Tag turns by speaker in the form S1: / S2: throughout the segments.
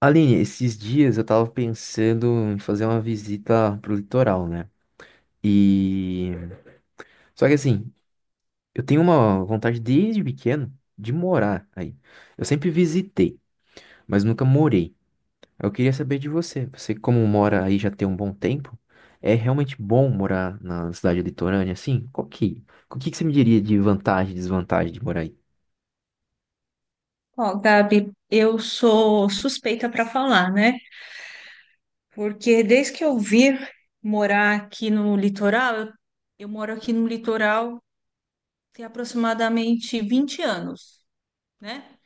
S1: Aline, esses dias eu tava pensando em fazer uma visita pro litoral, né? E. Só que assim, eu tenho uma vontade desde pequeno de morar aí. Eu sempre visitei, mas nunca morei. Eu queria saber de você. Você, como mora aí já tem um bom tempo, é realmente bom morar na cidade litorânea assim? O que que você me diria de vantagem e desvantagem de morar aí?
S2: Ó, Gabi, eu sou suspeita para falar, né? Porque desde que eu vim morar aqui no litoral, eu moro aqui no litoral tem aproximadamente 20 anos, né?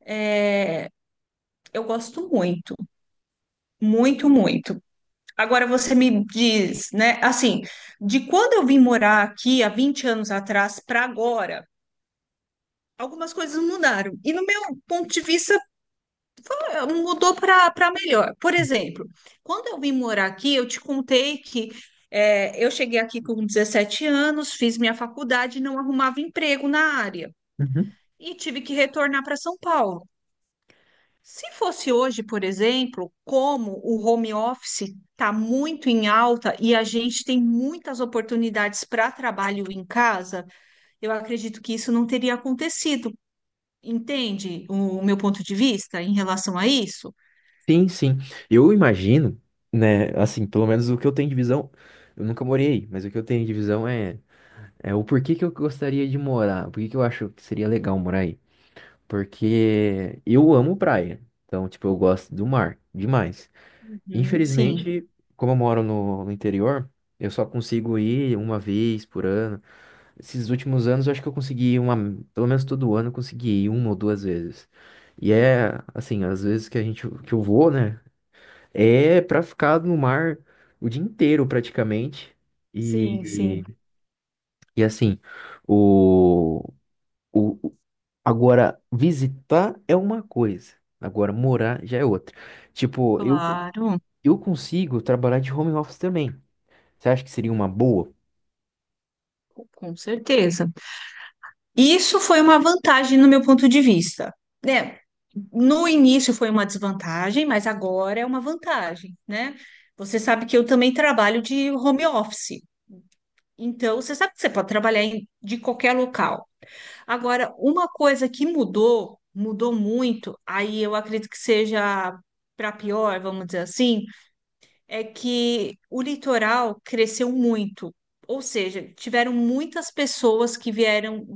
S2: É, eu gosto muito, muito, muito. Agora você me diz, né? Assim, de quando eu vim morar aqui há 20 anos atrás para agora, algumas coisas mudaram. E no meu ponto de vista, mudou para melhor. Por exemplo, quando eu vim morar aqui, eu te contei que eu cheguei aqui com 17 anos, fiz minha faculdade e não arrumava emprego na área e tive que retornar para São Paulo. Se fosse hoje, por exemplo, como o home office está muito em alta e a gente tem muitas oportunidades para trabalho em casa, eu acredito que isso não teria acontecido. Entende o meu ponto de vista em relação a isso?
S1: Sim, sim. Eu imagino, né, assim, pelo menos o que eu tenho de visão, eu nunca morei aí, mas o que eu tenho de visão é o porquê que eu gostaria de morar, por que que eu acho que seria legal morar aí. Porque eu amo praia, então, tipo, eu gosto do mar demais.
S2: Uhum. Sim,
S1: Infelizmente, como eu moro no interior, eu só consigo ir uma vez por ano. Esses últimos anos, eu acho que eu consegui ir uma, pelo menos todo ano, eu consegui ir uma ou duas vezes. E é assim, às vezes que a gente que eu vou, né? É pra ficar no mar o dia inteiro praticamente.
S2: sim, sim,
S1: E, e assim, o, o o- agora visitar é uma coisa, agora morar já é outra. Tipo, eu
S2: claro,
S1: eu consigo trabalhar de home office também. Você acha que seria uma boa?
S2: com certeza. Isso foi uma vantagem no meu ponto de vista, né? No início foi uma desvantagem, mas agora é uma vantagem, né? Você sabe que eu também trabalho de home office. Então, você sabe que você pode de qualquer local. Agora, uma coisa que mudou, mudou muito, aí eu acredito que seja para pior, vamos dizer assim, é que o litoral cresceu muito. Ou seja, tiveram muitas pessoas que vieram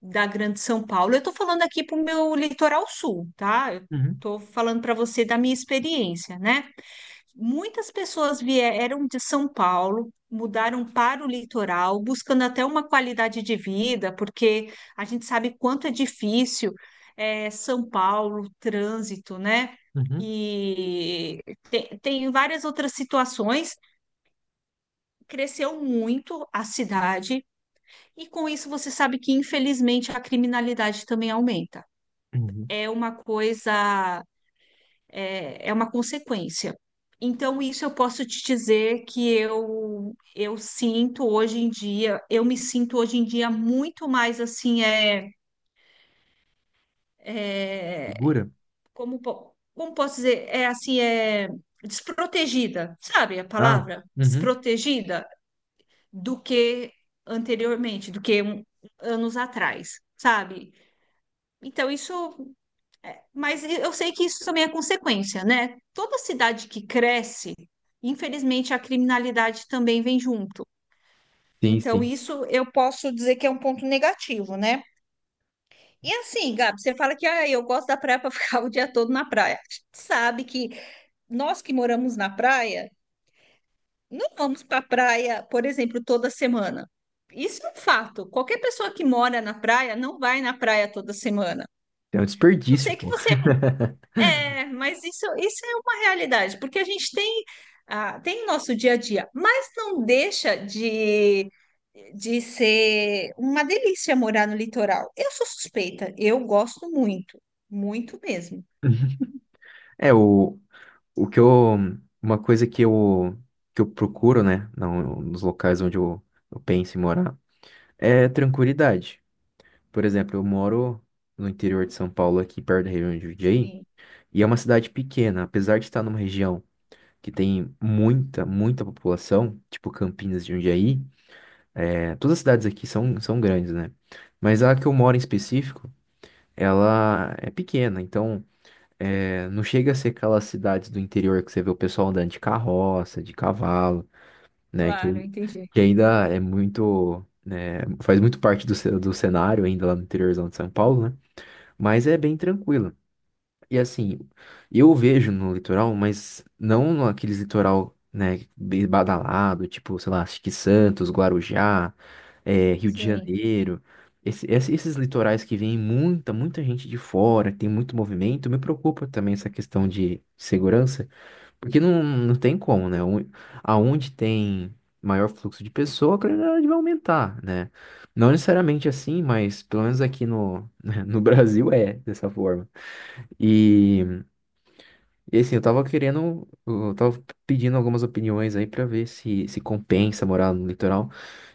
S2: da Grande São Paulo. Eu estou falando aqui para o meu litoral sul, tá? Eu
S1: Uhum,
S2: estou falando para você da minha experiência, né? Muitas pessoas vieram de São Paulo, mudaram para o litoral, buscando até uma qualidade de vida, porque a gente sabe quanto é difícil São Paulo, trânsito, né?
S1: uhum,
S2: E tem várias outras situações. Cresceu muito a cidade, e com isso você sabe que, infelizmente, a criminalidade também aumenta.
S1: uhum.
S2: É uma coisa é uma consequência. Então, isso eu posso te dizer que eu sinto hoje em dia, eu me sinto hoje em dia muito mais assim, é,
S1: Segura?
S2: como, como posso dizer, é assim, é desprotegida, sabe a
S1: Ah,
S2: palavra?
S1: uhum.
S2: Desprotegida do que anteriormente, do que anos atrás, sabe? Então, isso. Mas eu sei que isso também é consequência, né? Toda cidade que cresce, infelizmente, a criminalidade também vem junto.
S1: Sim,
S2: Então,
S1: sim.
S2: isso eu posso dizer que é um ponto negativo, né? E assim, Gabi, você fala que ah, eu gosto da praia para ficar o dia todo na praia. A gente sabe que nós que moramos na praia, não vamos para a praia, por exemplo, toda semana. Isso é um fato. Qualquer pessoa que mora na praia não vai na praia toda semana.
S1: É um
S2: A não
S1: desperdício,
S2: ser que
S1: pô.
S2: você. É, mas isso é uma realidade, porque a gente tem, ah, tem o nosso dia a dia, mas não deixa de ser uma delícia morar no litoral. Eu sou suspeita, eu gosto muito, muito mesmo.
S1: É o O que eu, uma coisa que eu procuro, né, nos locais onde eu penso em morar, é tranquilidade. Por exemplo, eu moro no interior de São Paulo, aqui perto da região de Jundiaí,
S2: Sim,
S1: e é uma cidade pequena, apesar de estar numa região que tem muita, muita população, tipo Campinas de Jundiaí, todas as cidades aqui são grandes, né? Mas a que eu moro em específico, ela é pequena, então não chega a ser aquelas cidades do interior que você vê o pessoal andando de carroça, de cavalo, né? Que,
S2: claro, entendi.
S1: que ainda é muito, né, faz muito parte do cenário ainda lá no interiorzão de São Paulo, né? Mas é bem tranquilo. E assim, eu vejo no litoral, mas não aqueles litoral, né, bem badalado, tipo, sei lá, Chique Santos, Guarujá, Rio de
S2: Sim.
S1: Janeiro. Esses litorais que vem muita, muita gente de fora, que tem muito movimento, me preocupa também essa questão de segurança, porque não tem como, né? Aonde tem maior fluxo de pessoa, a criminalidade vai aumentar, né? Não necessariamente assim, mas pelo menos aqui no, no Brasil é dessa forma. E. E assim, eu tava querendo, eu tava pedindo algumas opiniões aí pra ver se compensa morar no litoral.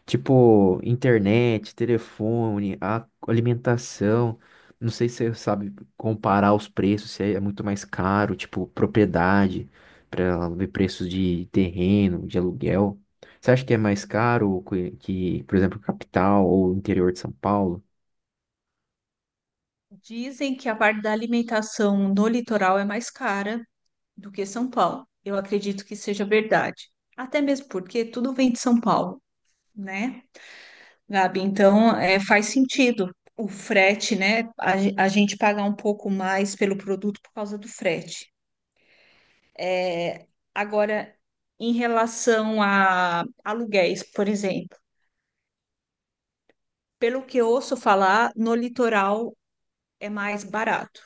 S1: Tipo, internet, telefone, a alimentação. Não sei se você sabe comparar os preços, se é muito mais caro, tipo, propriedade, pra ver preços de terreno, de aluguel. Você acha que é mais caro que, por exemplo, capital ou interior de São Paulo?
S2: Dizem que a parte da alimentação no litoral é mais cara do que São Paulo. Eu acredito que seja verdade. Até mesmo porque tudo vem de São Paulo, né? Gabi, então é, faz sentido o frete, né? A gente pagar um pouco mais pelo produto por causa do frete. É, Agora, em relação a aluguéis, por exemplo, pelo que eu ouço falar, no litoral é mais barato.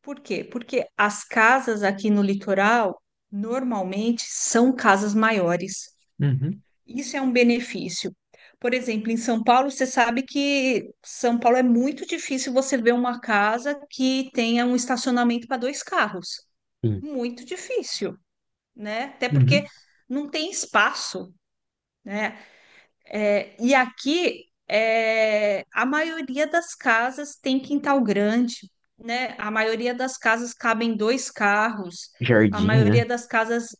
S2: Por quê? Porque as casas aqui no litoral normalmente são casas maiores.
S1: Uhum.
S2: Isso é um benefício. Por exemplo, em São Paulo, você sabe que São Paulo é muito difícil você ver uma casa que tenha um estacionamento para dois carros.
S1: Sim.
S2: Muito difícil, né? Até porque
S1: Uhum.
S2: não tem espaço, né? É, e aqui é, a maioria das casas tem quintal grande, né? A maioria das casas cabem dois carros. A
S1: Jardim, né?
S2: maioria das casas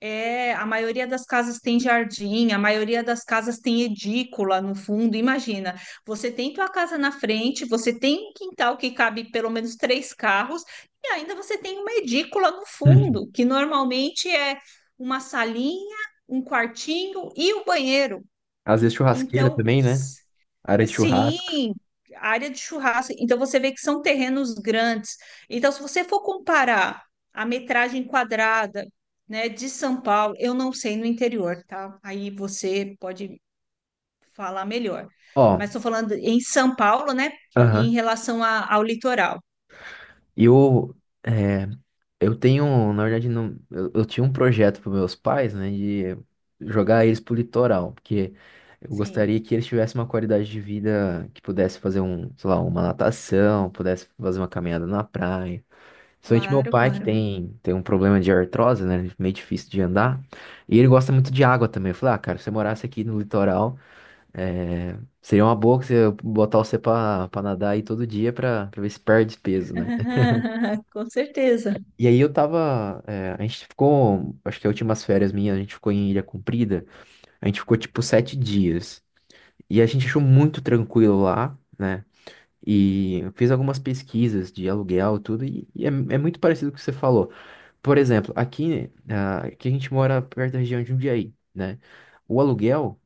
S2: a maioria das casas tem jardim, a maioria das casas tem edícula no fundo. Imagina, você tem tua casa na frente, você tem um quintal que cabe pelo menos três carros, e ainda você tem uma edícula no
S1: Uhum.
S2: fundo, que normalmente é uma salinha, um quartinho e o banheiro.
S1: Às vezes churrasqueira
S2: Então,
S1: também, né? Área de churrasco.
S2: sim, área de churrasco. Então você vê que são terrenos grandes. Então, se você for comparar a metragem quadrada, né, de São Paulo, eu não sei no interior, tá? Aí você pode falar melhor.
S1: Ó,
S2: Mas estou falando em São Paulo, né, em
S1: aham.
S2: relação ao litoral.
S1: E é, eu tenho, na verdade, não, eu tinha um projeto para meus pais, né, de jogar eles pro litoral, porque eu
S2: Sim,
S1: gostaria que eles tivessem uma qualidade de vida que pudesse fazer um, sei lá, uma natação, pudesse fazer uma caminhada na praia. Principalmente meu
S2: claro,
S1: pai, que
S2: claro.
S1: tem um problema de artrose, né, meio difícil de andar, e ele gosta muito de água também. Eu falei, ah, cara, se você morasse aqui no litoral, É, seria uma boa que você botar você pra, pra, nadar aí todo dia pra ver se perde peso, né?
S2: Com certeza.
S1: E aí eu tava. A gente ficou. Acho que as últimas férias minhas, a gente ficou em Ilha Comprida. A gente ficou tipo sete dias. E a gente achou muito tranquilo lá, né? E eu fiz algumas pesquisas de aluguel, e tudo, e é muito parecido com o que você falou. Por exemplo, aqui a gente mora perto da região de Jundiaí, né? O aluguel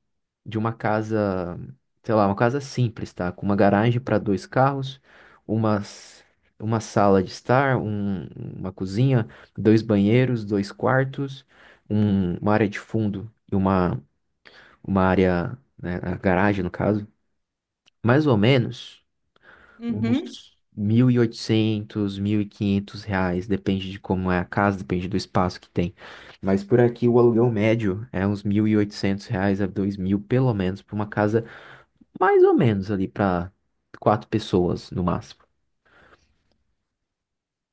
S1: de uma casa, sei lá, uma casa simples, tá? Com uma garagem para dois carros, uma, s- uma sala de estar, uma cozinha, dois banheiros, dois quartos, uma área de fundo e uma área, né, a garagem no caso, mais ou menos
S2: Uhum.
S1: uns mil e oitocentos, mil e quinhentos reais, depende de como é a casa, depende do espaço que tem. Mas por aqui o aluguel médio é uns 1.800 reais a 2.000 pelo menos, para uma casa mais ou menos ali pra quatro pessoas no máximo.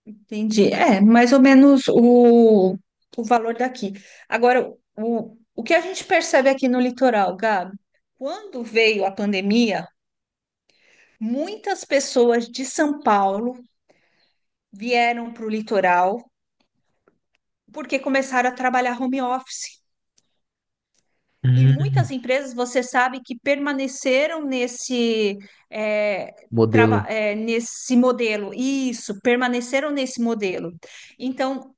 S2: Entendi. É, mais ou menos o valor daqui. Agora, o que a gente percebe aqui no litoral, Gabi, quando veio a pandemia, muitas pessoas de São Paulo vieram para o litoral porque começaram a trabalhar home office. E muitas
S1: Hum.
S2: empresas, você sabe, que permaneceram nesse, é,
S1: Modelo.
S2: nesse modelo. Isso, permaneceram nesse modelo. Então,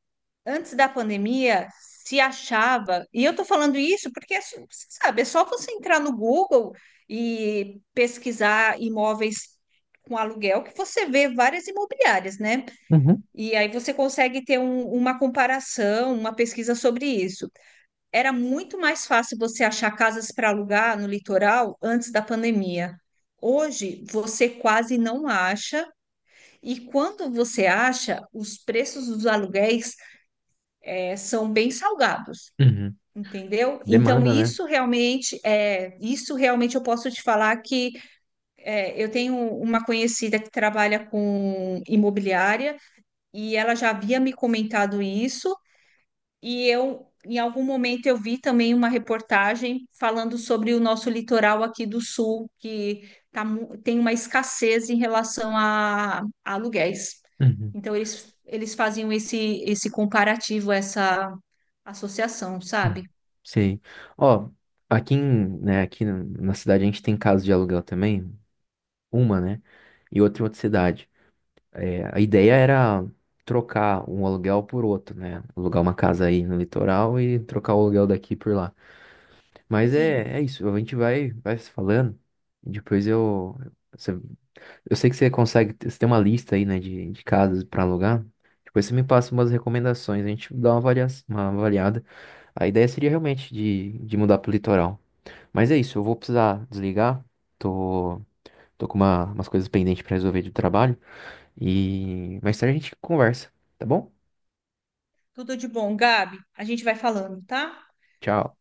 S2: antes da pandemia, se achava, e eu tô falando isso porque, assim, você sabe, é só você entrar no Google e pesquisar imóveis com aluguel que você vê várias imobiliárias, né?
S1: Uhum.
S2: E aí você consegue ter uma comparação, uma pesquisa sobre isso. Era muito mais fácil você achar casas para alugar no litoral antes da pandemia. Hoje você quase não acha, e quando você acha, os preços dos aluguéis são bem salgados.
S1: Uhum.
S2: Entendeu? Então,
S1: Demanda, né?
S2: isso realmente é, isso realmente eu posso te falar que é, eu tenho uma conhecida que trabalha com imobiliária e ela já havia me comentado isso, e eu em algum momento eu vi também uma reportagem falando sobre o nosso litoral aqui do sul, que tem uma escassez em relação a aluguéis.
S1: Uhum.
S2: Então, eles faziam esse, esse comparativo, essa associação,
S1: Uhum.
S2: sabe?
S1: Sim. Ó, aqui, né, aqui na cidade a gente tem casa de aluguel também, uma, né? E outra em outra cidade. É, a ideia era trocar um aluguel por outro, né? Alugar uma casa aí no litoral e trocar o aluguel daqui por lá. Mas é,
S2: Sim.
S1: é isso, a gente vai se falando. Depois eu, você Eu sei que você consegue, você tem uma lista aí, né, de casas pra alugar. Depois você me passa umas recomendações, a gente dá uma avalia, uma avaliada. A ideia seria realmente de, mudar pro litoral. Mas é isso, eu vou precisar desligar. Tô, tô com umas coisas pendentes pra resolver do trabalho. E mais tarde a gente conversa, tá bom?
S2: Tudo de bom, Gabi. A gente vai falando, tá?
S1: Tchau.